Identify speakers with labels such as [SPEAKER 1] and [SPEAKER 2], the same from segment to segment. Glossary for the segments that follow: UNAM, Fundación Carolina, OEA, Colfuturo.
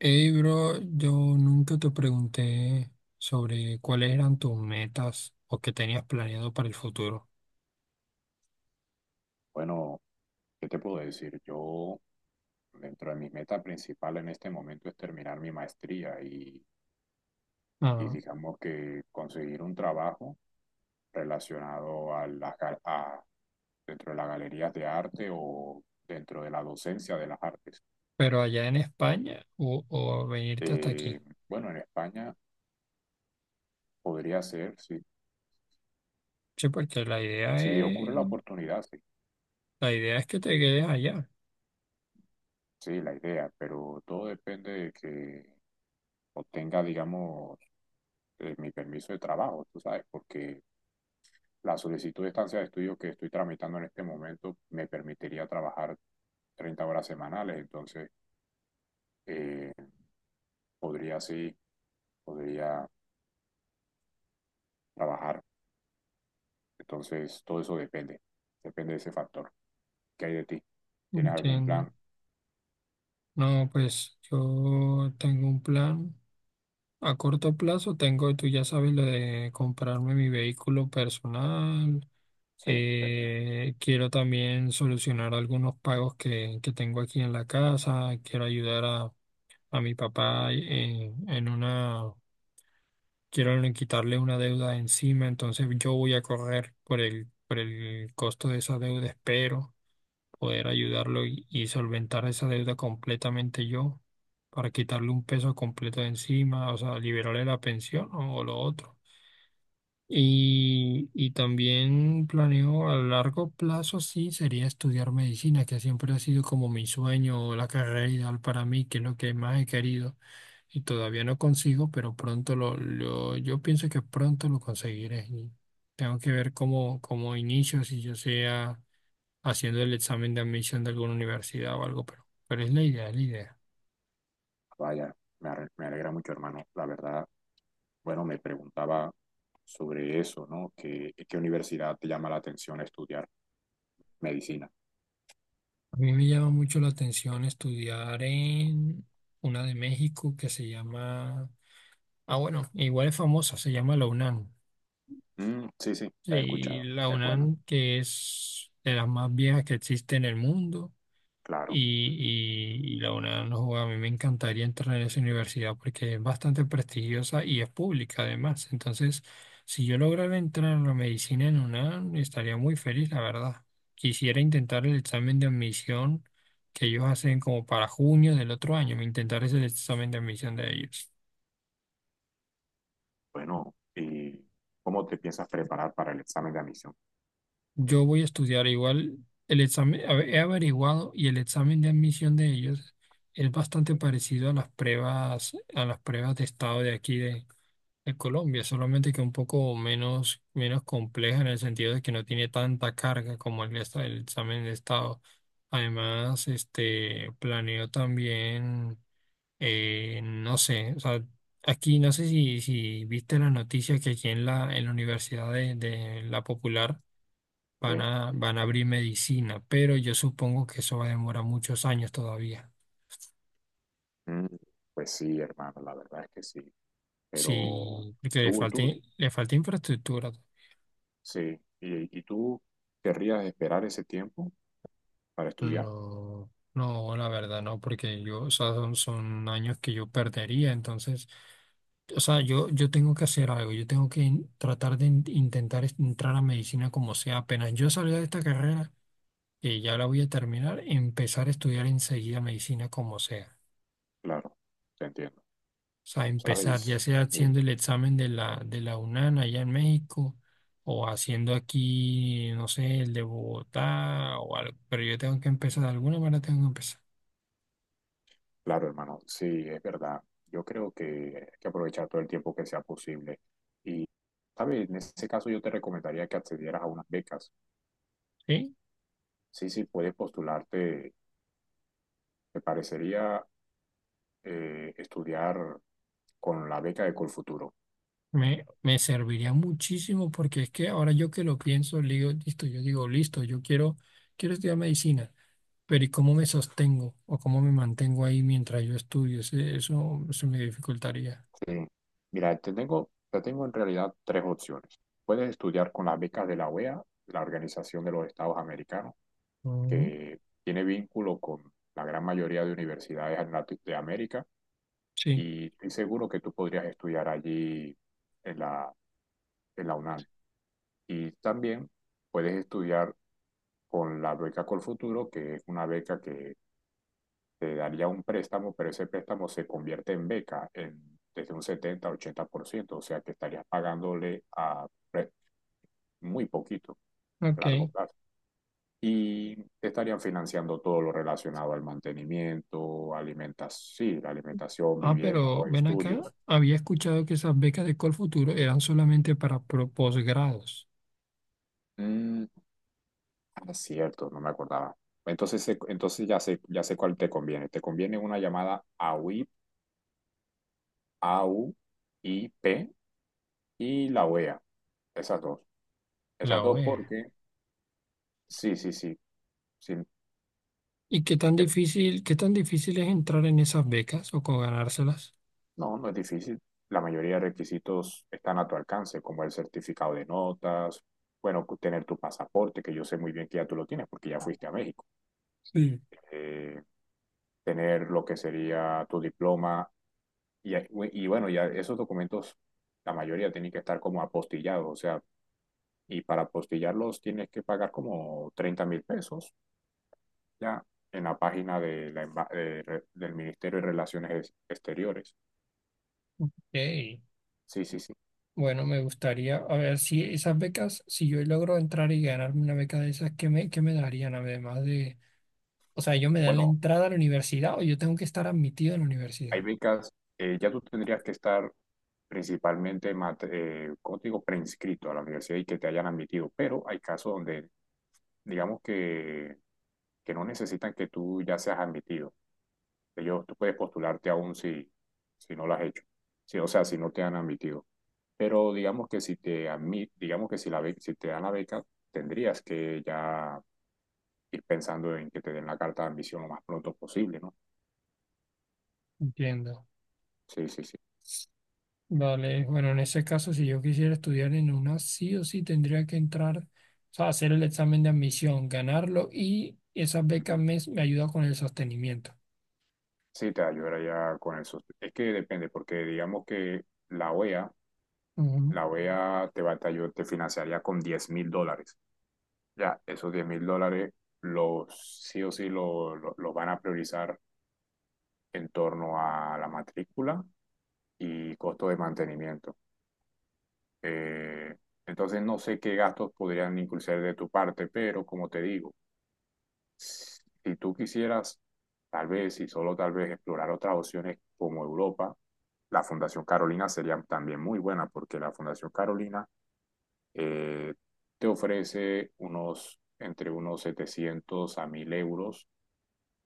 [SPEAKER 1] Hey, bro, yo nunca te pregunté sobre cuáles eran tus metas o qué tenías planeado para el futuro.
[SPEAKER 2] Bueno, ¿qué te puedo decir? Yo, dentro de mi meta principal en este momento es terminar mi maestría y
[SPEAKER 1] Ah,
[SPEAKER 2] digamos que conseguir un trabajo relacionado a dentro de las galerías de arte o dentro de la docencia de las artes.
[SPEAKER 1] pero allá en España o venirte hasta
[SPEAKER 2] Eh,
[SPEAKER 1] aquí.
[SPEAKER 2] bueno, en España podría ser, sí.
[SPEAKER 1] Sí, porque
[SPEAKER 2] Si ocurre la oportunidad, sí,
[SPEAKER 1] la idea es que te quedes allá.
[SPEAKER 2] sí, la idea, pero todo depende de que obtenga, digamos, mi permiso de trabajo, tú sabes, porque la solicitud de estancia de estudio que estoy tramitando en este momento me permitiría trabajar 30 horas semanales, entonces eh, podría sí, podría trabajar. Entonces todo eso depende de ese factor. ¿Qué hay de ti? ¿Tienes algún
[SPEAKER 1] Entiendo.
[SPEAKER 2] plan?
[SPEAKER 1] No, pues yo tengo un plan. A corto plazo tengo, tú ya sabes, lo de comprarme mi vehículo personal.
[SPEAKER 2] Sí,
[SPEAKER 1] Quiero también solucionar algunos pagos que tengo aquí en la casa. Quiero ayudar a mi papá en una, quiero quitarle una deuda de encima. Entonces yo voy a correr por por el costo de esa deuda. Espero poder ayudarlo y solventar esa deuda completamente yo para quitarle un peso completo de encima, o sea, liberarle la pensión o lo otro. Y también planeo a largo plazo, sí, sería estudiar medicina, que siempre ha sido como mi sueño, la carrera ideal para mí, que es lo que más he querido y todavía no consigo, pero yo pienso que pronto lo conseguiré. Y tengo que ver cómo inicio, si yo sea haciendo el examen de admisión de alguna universidad o algo, pero, es la idea.
[SPEAKER 2] vaya, me, me alegra mucho, hermano. La verdad, bueno, me preguntaba sobre eso, ¿no? ¿Qué universidad te llama la atención estudiar medicina?
[SPEAKER 1] A mí me llama mucho la atención estudiar en una de México que se llama. Ah, bueno, igual es famosa, se llama la UNAM.
[SPEAKER 2] Mm, sí, sí, la he
[SPEAKER 1] Sí,
[SPEAKER 2] escuchado.
[SPEAKER 1] la
[SPEAKER 2] Es bueno,
[SPEAKER 1] UNAM, que es de las más viejas que existe en el mundo,
[SPEAKER 2] claro.
[SPEAKER 1] y, y la UNAM, no, joda, a mí me encantaría entrar en esa universidad porque es bastante prestigiosa y es pública además. Entonces, si yo lograra entrar en la medicina en UNAM, estaría muy feliz, la verdad. Quisiera intentar el examen de admisión que ellos hacen como para junio del otro año, intentar ese examen de admisión de ellos.
[SPEAKER 2] Bueno, ¿y cómo te piensas preparar para el examen de admisión?
[SPEAKER 1] Yo voy a estudiar igual el examen, a ver, he averiguado y el examen de admisión de ellos es bastante
[SPEAKER 2] ¿Sí?
[SPEAKER 1] parecido a las pruebas de estado de aquí de Colombia, solamente que un poco menos compleja en el sentido de que no tiene tanta carga como el examen de estado. Además, este, planeo también, no sé, o sea, aquí no sé si viste la noticia que aquí en en la Universidad de La Popular
[SPEAKER 2] ¿Sí?
[SPEAKER 1] van a abrir medicina, pero yo supongo que eso va a demorar muchos años todavía.
[SPEAKER 2] Mm, Pues sí, hermano, la verdad es que sí. Pero
[SPEAKER 1] Sí,
[SPEAKER 2] tú, tú,
[SPEAKER 1] le falta infraestructura.
[SPEAKER 2] sí. ¿Y tú querrías esperar ese tiempo para estudiar?
[SPEAKER 1] No, no, la verdad no, porque yo, o sea, son años que yo perdería, entonces, o sea, yo tengo que hacer algo, yo tengo que intentar entrar a medicina como sea, apenas yo salga de esta carrera, que ya la voy a terminar, empezar a estudiar enseguida medicina como sea.
[SPEAKER 2] Claro, te entiendo.
[SPEAKER 1] O sea, empezar ya
[SPEAKER 2] ¿Sabes?
[SPEAKER 1] sea
[SPEAKER 2] Sí,
[SPEAKER 1] haciendo el examen de la UNAM allá en México o haciendo aquí, no sé, el de Bogotá o algo, pero yo tengo que empezar, de alguna manera tengo que empezar,
[SPEAKER 2] claro, hermano, sí, es verdad. Yo creo que hay que aprovechar todo el tiempo que sea posible. Y, ¿sabes? En ese caso yo te recomendaría que accedieras a unas becas.
[SPEAKER 1] ¿sí?
[SPEAKER 2] Sí, sí, puedes postularte. Me parecería estudiar con la beca de Colfuturo.
[SPEAKER 1] Me serviría muchísimo porque es que ahora yo que lo pienso, le digo, listo, yo quiero, quiero estudiar medicina, pero ¿y cómo me sostengo o cómo me mantengo ahí mientras yo estudio? Eso, eso me dificultaría.
[SPEAKER 2] Sí. Mira, te tengo en realidad tres opciones. Puedes estudiar con las becas de la OEA, la Organización de los Estados Americanos,
[SPEAKER 1] Mm,
[SPEAKER 2] que tiene vínculo con la gran mayoría de universidades en de América,
[SPEAKER 1] sí,
[SPEAKER 2] y estoy seguro que tú podrías estudiar allí en la, en la UNAM. Y también puedes estudiar con la beca Colfuturo, que es una beca que te daría un préstamo, pero ese préstamo se convierte en beca en, desde un 70, 80%, o sea que estarías pagándole a pre- muy poquito a largo
[SPEAKER 1] ok.
[SPEAKER 2] plazo. Y te estarían financiando todo lo relacionado al mantenimiento, alimentas, sí, la alimentación,
[SPEAKER 1] Ah,
[SPEAKER 2] vivienda,
[SPEAKER 1] pero
[SPEAKER 2] los
[SPEAKER 1] ven acá,
[SPEAKER 2] estudios.
[SPEAKER 1] había escuchado que esas becas de Colfuturo eran solamente para posgrados,
[SPEAKER 2] Mm, ah, cierto, no me acordaba. Entonces, entonces ya sé cuál te conviene. Te conviene una llamada AUIP AUIP y la OEA. Esas dos. Esas
[SPEAKER 1] la
[SPEAKER 2] dos
[SPEAKER 1] OEA.
[SPEAKER 2] porque sí, sí, sí. Sí,
[SPEAKER 1] ¿Y qué tan difícil es entrar en esas becas o con ganárselas?
[SPEAKER 2] no, no es difícil. La mayoría de requisitos están a tu alcance, como el certificado de notas, bueno, tener tu pasaporte, que yo sé muy bien que ya tú lo tienes porque ya fuiste a México.
[SPEAKER 1] Sí.
[SPEAKER 2] Eh, tener lo que sería tu diploma y, y bueno, ya esos documentos, la mayoría tienen que estar como apostillados, o sea, y para apostillarlos tienes que pagar como 30.000 pesos ya en la página de la del Ministerio de Relaciones Exteriores.
[SPEAKER 1] Ey,
[SPEAKER 2] Sí, sí, sí.
[SPEAKER 1] bueno, me gustaría, a ver si esas becas, si yo logro entrar y ganarme una beca de esas, qué me darían además de, o sea, ellos me dan la
[SPEAKER 2] Bueno.
[SPEAKER 1] entrada a la universidad o yo tengo que estar admitido en la
[SPEAKER 2] Hay
[SPEAKER 1] universidad?
[SPEAKER 2] becas, ya tú tendrías que estar principalmente, ¿cómo te digo?, preinscrito a la universidad y que te hayan admitido, pero hay casos donde, digamos que no necesitan que tú ya seas admitido. Ellos, tú puedes postularte aún si no lo has hecho, sí, o sea, si no te han admitido. Pero digamos que si te admit, digamos que si, la be- si te dan la beca, tendrías que ya ir pensando en que te den la carta de admisión lo más pronto posible, ¿no?
[SPEAKER 1] Entiendo.
[SPEAKER 2] Sí, sí, sí.
[SPEAKER 1] Vale, bueno, en ese caso, si yo quisiera estudiar en una, sí o sí tendría que entrar, o sea, hacer el examen de admisión, ganarlo y esas becas me ayuda con el sostenimiento.
[SPEAKER 2] Sí, te ayudará ya con eso. Es que depende, porque digamos que la OEA,
[SPEAKER 1] Ujú.
[SPEAKER 2] la OEA te va, te financiaría con 10.000 dólares. Ya, esos 10.000 dólares los sí o sí los van a priorizar en torno a la matrícula y costo de mantenimiento. Eh, entonces no sé qué gastos podrían incluirse de tu parte, pero como te digo, si tú quisieras, tal vez, y solo tal vez, explorar otras opciones como Europa, la Fundación Carolina sería también muy buena porque la Fundación Carolina eh, te ofrece unos, entre unos 700 a 1.000 euros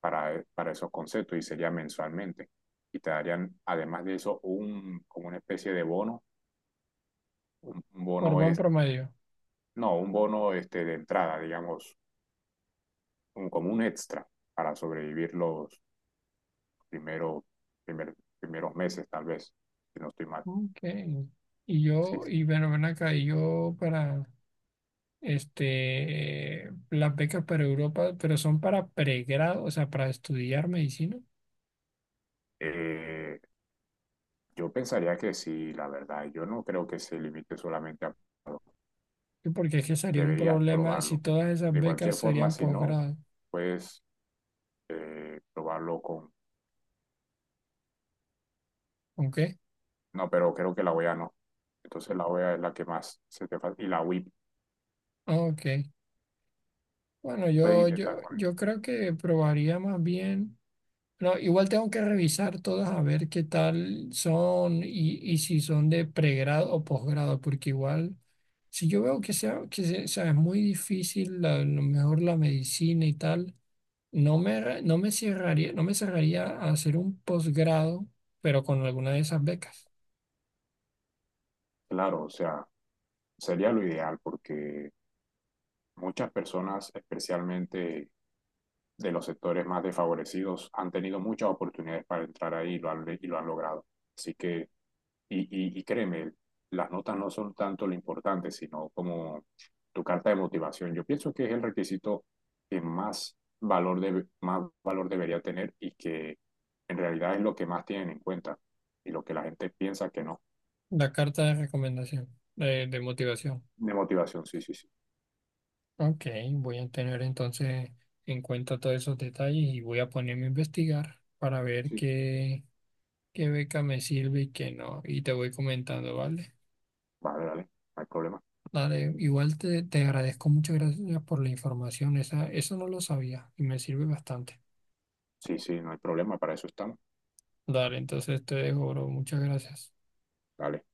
[SPEAKER 2] para esos conceptos y sería mensualmente. Y te darían, además de eso, un, como una especie de bono, un
[SPEAKER 1] Por
[SPEAKER 2] bono
[SPEAKER 1] buen
[SPEAKER 2] es,
[SPEAKER 1] promedio.
[SPEAKER 2] no, un bono este, de entrada, digamos, un, como un extra para sobrevivir los, primero, primer, primeros meses, tal vez, si no estoy mal.
[SPEAKER 1] Ok. Y
[SPEAKER 2] Sí,
[SPEAKER 1] yo,
[SPEAKER 2] sí.
[SPEAKER 1] y bueno, ven acá, y yo para, este, las becas para Europa, pero son para pregrado, o sea, para estudiar medicina,
[SPEAKER 2] Eh, yo pensaría que sí, la verdad. Yo no creo que se limite solamente a probarlo.
[SPEAKER 1] sí, porque es que sería un
[SPEAKER 2] Deberías
[SPEAKER 1] problema si
[SPEAKER 2] probarlo.
[SPEAKER 1] todas esas
[SPEAKER 2] De
[SPEAKER 1] becas
[SPEAKER 2] cualquier forma,
[SPEAKER 1] serían
[SPEAKER 2] si no,
[SPEAKER 1] posgrado.
[SPEAKER 2] puedes probarlo con...
[SPEAKER 1] ¿Ok?
[SPEAKER 2] No, pero creo que la OEA no. Entonces la OEA es la que más se te falta. Y la WIP
[SPEAKER 1] Ah, ok. Bueno,
[SPEAKER 2] puedes intentar con él.
[SPEAKER 1] yo creo que probaría más bien. No, igual tengo que revisar todas a ver qué tal son y si son de pregrado o posgrado, porque igual, si yo veo que sea, que se- o sea, es muy difícil, a lo mejor la medicina y tal, no me cerraría, no me cerraría a hacer un posgrado, pero con alguna de esas becas.
[SPEAKER 2] Claro, o sea, sería lo ideal porque muchas personas, especialmente de los sectores más desfavorecidos han tenido muchas oportunidades para entrar ahí y lo han logrado. Así que, y, y créeme, las notas no son tanto lo importante, sino como tu carta de motivación. Yo pienso que es el requisito que más valor, más valor debería tener y que en realidad es lo que más tienen en cuenta y lo que la gente piensa que no.
[SPEAKER 1] La carta de recomendación, de motivación.
[SPEAKER 2] De motivación, sí, sí, sí.
[SPEAKER 1] Ok, voy a tener entonces en cuenta todos esos detalles y voy a ponerme a investigar para ver
[SPEAKER 2] Sí.
[SPEAKER 1] qué, qué beca me sirve y qué no. Y te voy comentando, ¿vale?
[SPEAKER 2] Vale, dale, no hay problema.
[SPEAKER 1] Dale, igual te agradezco, muchas gracias por la información. Esa, eso no lo sabía y me sirve bastante.
[SPEAKER 2] Sí, sí, no hay problema, para eso estamos.
[SPEAKER 1] Dale, entonces te dejo, bro. Muchas gracias.
[SPEAKER 2] Dale.